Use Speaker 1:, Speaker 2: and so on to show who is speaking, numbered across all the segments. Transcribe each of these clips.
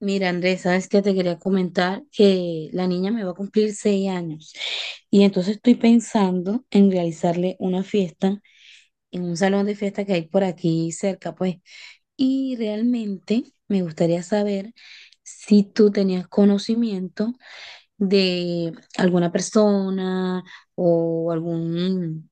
Speaker 1: Mira, Andrés, sabes que te quería comentar que la niña me va a cumplir 6 años y entonces estoy pensando en realizarle una fiesta en un salón de fiesta que hay por aquí cerca, pues. Y realmente me gustaría saber si tú tenías conocimiento de alguna persona o algún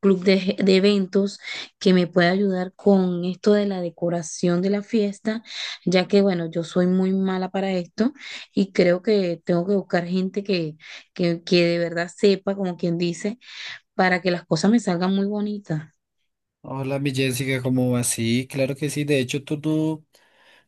Speaker 1: club de eventos que me pueda ayudar con esto de la decoración de la fiesta, ya que bueno, yo soy muy mala para esto y creo que tengo que buscar gente que de verdad sepa, como quien dice, para que las cosas me salgan muy bonitas.
Speaker 2: Hola, mi Jessica, ¿cómo vas? Sí, claro que sí. De hecho,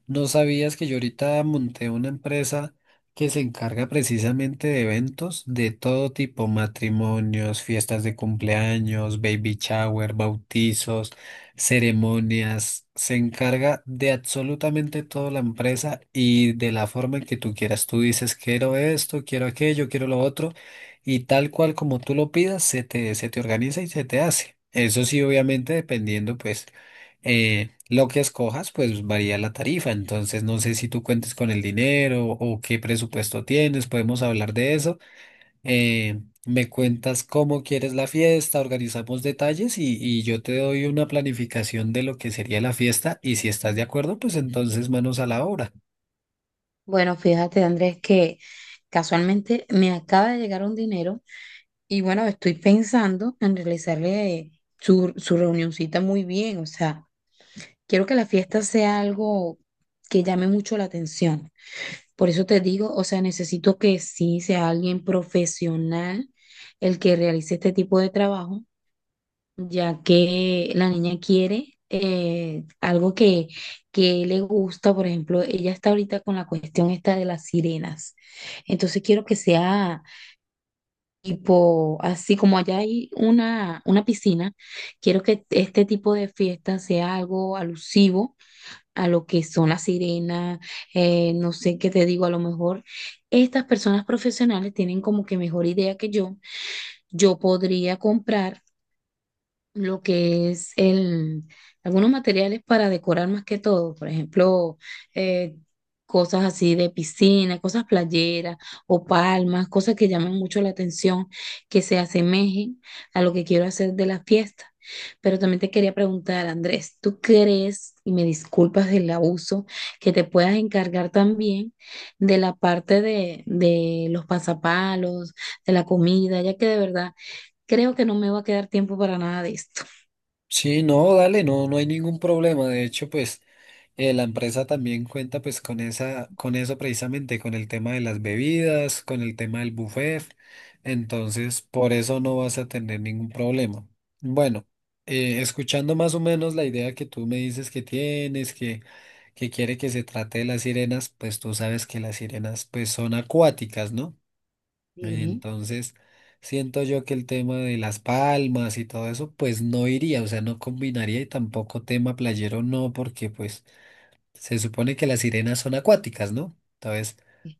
Speaker 2: ¿no sabías que yo ahorita monté una empresa que se encarga precisamente de eventos de todo tipo, matrimonios, fiestas de cumpleaños, baby shower, bautizos, ceremonias? Se encarga de absolutamente toda la empresa y de la forma en que tú quieras. Tú dices, quiero esto, quiero aquello, quiero lo otro, y tal cual como tú lo pidas, se te organiza y se te hace. Eso sí, obviamente, dependiendo, pues lo que escojas, pues varía la tarifa. Entonces, no sé si tú cuentes con el dinero o qué presupuesto tienes, podemos hablar de eso. Eh, Me cuentas cómo quieres la fiesta, organizamos detalles y yo te doy una planificación de lo que sería la fiesta y si estás de acuerdo, pues entonces manos a la obra.
Speaker 1: Bueno, fíjate, Andrés, que casualmente me acaba de llegar un dinero. Y bueno, estoy pensando en realizarle su reunioncita muy bien. O sea, quiero que la fiesta sea algo que llame mucho la atención. Por eso te digo, o sea, necesito que sí sea alguien profesional el que realice este tipo de trabajo, ya que la niña quiere algo que le gusta. Por ejemplo, ella está ahorita con la cuestión esta de las sirenas. Entonces quiero que sea tipo, así como allá hay una piscina, quiero que este tipo de fiesta sea algo alusivo a lo que son las sirenas. No sé qué te digo, a lo mejor estas personas profesionales tienen como que mejor idea que yo. Yo podría comprar lo que es el, algunos materiales para decorar más que todo. Por ejemplo, eh, cosas así de piscina, cosas playeras o palmas, cosas que llamen mucho la atención, que se asemejen a lo que quiero hacer de la fiesta. Pero también te quería preguntar, Andrés, ¿tú crees, y me disculpas del abuso, que te puedas encargar también de la parte de los pasapalos, de la comida, ya que de verdad creo que no me va a quedar tiempo para nada de esto?
Speaker 2: Sí, no, dale, no, no hay ningún problema. De hecho, pues la empresa también cuenta pues con esa, con eso precisamente, con el tema de las bebidas, con el tema del buffet. Entonces, por eso no vas a tener ningún problema. Bueno, escuchando más o menos la idea que tú me dices que tienes, que quiere que se trate de las sirenas, pues tú sabes que las sirenas pues son acuáticas, ¿no?
Speaker 1: Sí,
Speaker 2: Entonces, siento yo que el tema de las palmas y todo eso, pues no iría, o sea, no combinaría y tampoco tema playero no, porque pues se supone que las sirenas son acuáticas, ¿no? Entonces,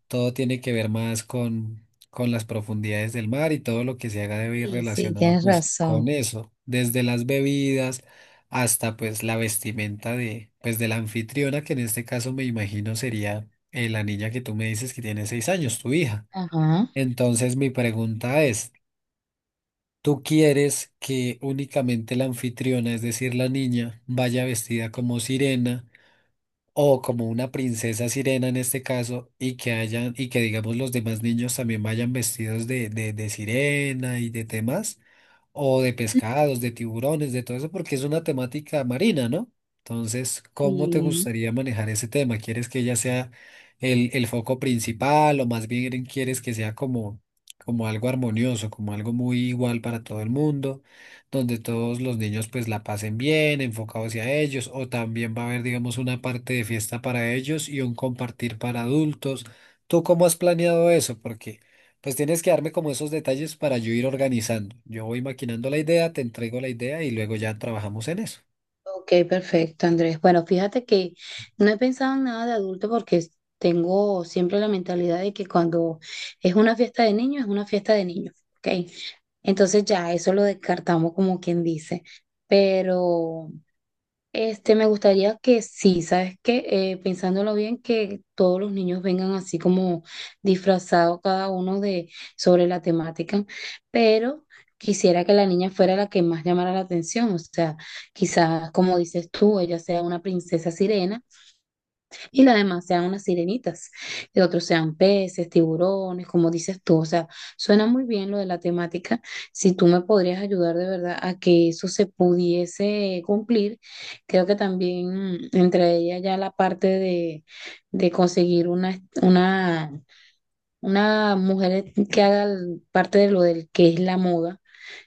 Speaker 2: todo tiene que ver más con las profundidades del mar y todo lo que se haga debe ir
Speaker 1: sí, sí,
Speaker 2: relacionado
Speaker 1: tienes
Speaker 2: pues con
Speaker 1: razón.
Speaker 2: eso, desde las bebidas hasta pues la vestimenta de, pues de la anfitriona, que en este caso me imagino sería la niña que tú me dices que tiene 6 años, tu hija.
Speaker 1: Ajá.
Speaker 2: Entonces mi pregunta es, ¿tú quieres que únicamente la anfitriona, es decir, la niña, vaya vestida como sirena o como una princesa sirena en este caso y que hayan y que digamos los demás niños también vayan vestidos de sirena y de temas, o de pescados, de tiburones, de todo eso, porque es una temática marina, ¿no? Entonces, ¿cómo te
Speaker 1: Sí.
Speaker 2: gustaría manejar ese tema? ¿Quieres que ella sea el foco principal o más bien quieres que sea como, como algo armonioso, como algo muy igual para todo el mundo, donde todos los niños pues la pasen bien, enfocados hacia ellos, o también va a haber, digamos, una parte de fiesta para ellos y un compartir para adultos? ¿Tú cómo has planeado eso? Porque pues tienes que darme como esos detalles para yo ir organizando. Yo voy maquinando la idea, te entrego la idea y luego ya trabajamos en eso.
Speaker 1: Ok, perfecto, Andrés. Bueno, fíjate que no he pensado en nada de adulto porque tengo siempre la mentalidad de que cuando es una fiesta de niños, es una fiesta de niños. Ok, entonces ya eso lo descartamos como quien dice. Pero. Me gustaría que sí, ¿sabes qué? Pensándolo bien, que todos los niños vengan así como disfrazados cada uno de sobre la temática, pero quisiera que la niña fuera la que más llamara la atención. O sea, quizás como dices tú, ella sea una princesa sirena y las demás sean unas sirenitas, y otros sean peces, tiburones, como dices tú. O sea, suena muy bien lo de la temática. Si tú me podrías ayudar de verdad a que eso se pudiese cumplir, creo que también entre ellas ya la parte de conseguir una mujer que haga parte de lo del que es la moda.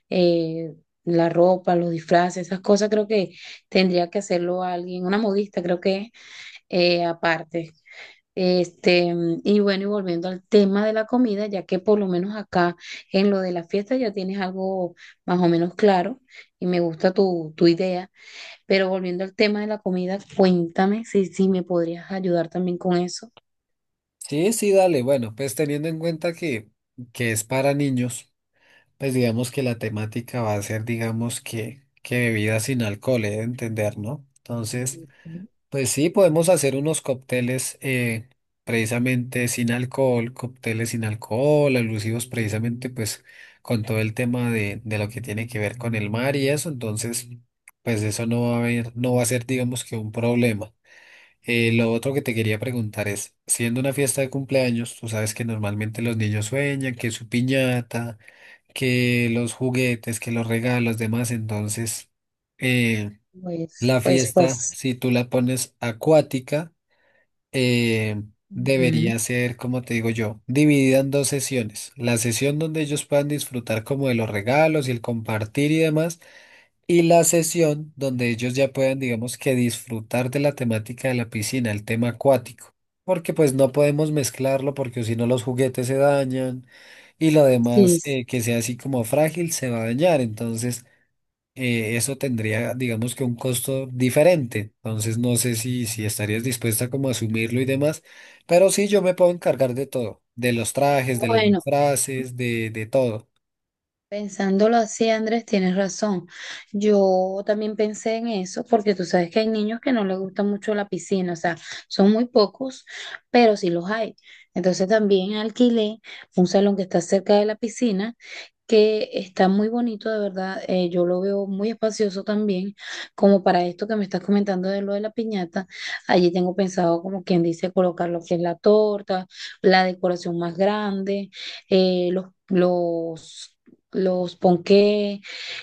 Speaker 1: eh, la ropa, los disfraces, esas cosas creo que tendría que hacerlo alguien, una modista creo que aparte, este, y bueno, y volviendo al tema de la comida, ya que por lo menos acá en lo de la fiesta ya tienes algo más o menos claro y me gusta tu idea, pero volviendo al tema de la comida, cuéntame si me podrías ayudar también con eso.
Speaker 2: Sí, sí, dale. Bueno, pues teniendo en cuenta que es para niños, pues digamos que la temática va a ser, digamos que bebidas sin alcohol, he de entender, ¿no? Entonces, pues sí, podemos hacer unos cócteles precisamente sin alcohol, cócteles sin alcohol, alusivos precisamente pues con todo el tema de lo que tiene que ver con el mar y eso, entonces pues eso no va a haber, no va a ser digamos que un problema. Lo otro que te quería preguntar es, siendo una fiesta de cumpleaños, tú sabes que normalmente los niños sueñan que su piñata, que los juguetes, que los regalos, demás, entonces... Eh,
Speaker 1: Pues,
Speaker 2: la
Speaker 1: pues,
Speaker 2: fiesta,
Speaker 1: pues.
Speaker 2: si tú la pones acuática, eh,
Speaker 1: Ujú.
Speaker 2: debería ser, como te digo yo, dividida en dos sesiones. La sesión donde ellos puedan disfrutar como de los regalos y el compartir y demás, y la sesión donde ellos ya puedan, digamos que disfrutar de la temática de la piscina, el tema acuático. Porque pues no podemos mezclarlo porque si no los juguetes se dañan y lo
Speaker 1: Sí,
Speaker 2: demás
Speaker 1: sí.
Speaker 2: que sea así como frágil se va a dañar. Entonces eso tendría, digamos que un costo diferente. Entonces no sé si, si estarías dispuesta como a asumirlo y demás, pero sí yo me puedo encargar de todo, de los trajes, de los
Speaker 1: Bueno.
Speaker 2: disfraces, de todo.
Speaker 1: Pensándolo así, Andrés, tienes razón. Yo también pensé en eso, porque tú sabes que hay niños que no les gusta mucho la piscina, o sea, son muy pocos, pero sí los hay. Entonces también alquilé un salón que está cerca de la piscina, que está muy bonito, de verdad. Yo lo veo muy espacioso también, como para esto que me estás comentando de lo de la piñata. Allí tengo pensado, como quien dice, colocar lo que es la torta, la decoración más grande, eh, los... Los los ponqués,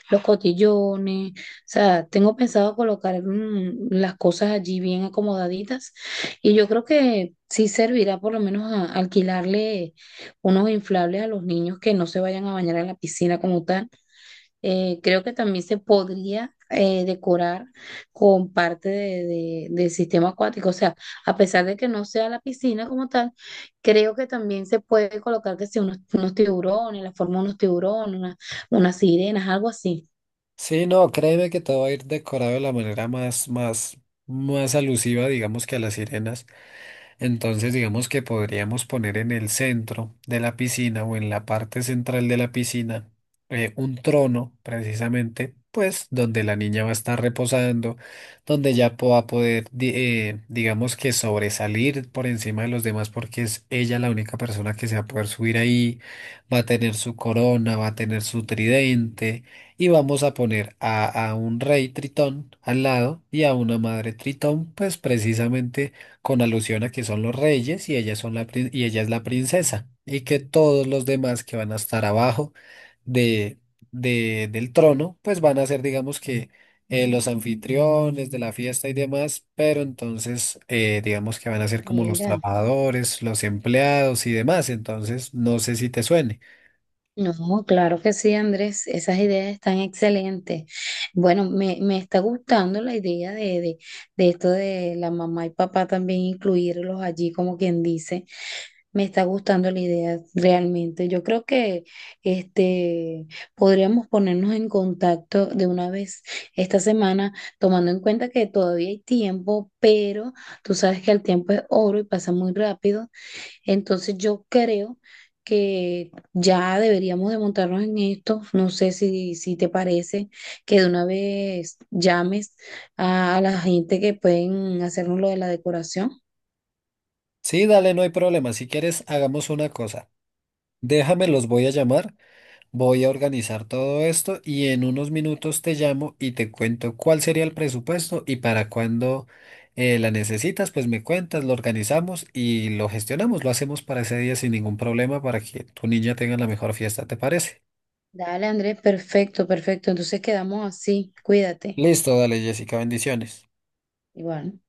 Speaker 1: los cotillones. O sea, tengo pensado colocar las cosas allí bien acomodaditas y yo creo que sí servirá por lo menos alquilarle unos inflables a los niños que no se vayan a bañar en la piscina como tal. Creo que también se podría decorar con parte del sistema acuático. O sea, a pesar de que no sea la piscina como tal, creo que también se puede colocar que si unos tiburones, la forma de unos tiburones, unas sirenas, algo así.
Speaker 2: Sí, no, créeme que todo va a ir decorado de la manera más, más, más alusiva, digamos que a las sirenas. Entonces, digamos que podríamos poner en el centro de la piscina o en la parte central de la piscina un trono, precisamente, pues donde la niña va a estar reposando, donde ya va a poder, digamos que sobresalir por encima de los demás porque es ella la única persona que se va a poder subir ahí, va a tener su corona, va a tener su tridente y vamos a poner a un rey tritón al lado y a una madre tritón, pues precisamente con alusión a que son los reyes y ella, son y ella es la princesa, y que todos los demás que van a estar abajo de, del trono, pues van a ser, digamos que, los anfitriones de la fiesta y demás, pero entonces, digamos que van a ser como los
Speaker 1: Mira,
Speaker 2: trabajadores, los empleados y demás, entonces no sé si te suene.
Speaker 1: no, claro que sí, Andrés, esas ideas están excelentes. Bueno, me está gustando la idea de esto de la mamá y papá también incluirlos allí, como quien dice. Me está gustando la idea, realmente. Yo creo que este podríamos ponernos en contacto de una vez esta semana, tomando en cuenta que todavía hay tiempo, pero tú sabes que el tiempo es oro y pasa muy rápido. Entonces yo creo que ya deberíamos de montarnos en esto. No sé si te parece que de una vez llames a la gente que pueden hacernos lo de la decoración.
Speaker 2: Sí, dale, no hay problema, si quieres, hagamos una cosa. Déjame, los voy a llamar. Voy a organizar todo esto y en unos minutos te llamo y te cuento cuál sería el presupuesto y para cuándo la necesitas, pues me cuentas, lo organizamos y lo gestionamos, lo hacemos para ese día sin ningún problema para que tu niña tenga la mejor fiesta, ¿te parece?
Speaker 1: Dale, Andrés, perfecto, perfecto. Entonces quedamos así. Cuídate.
Speaker 2: Listo, dale Jessica, bendiciones.
Speaker 1: Igual.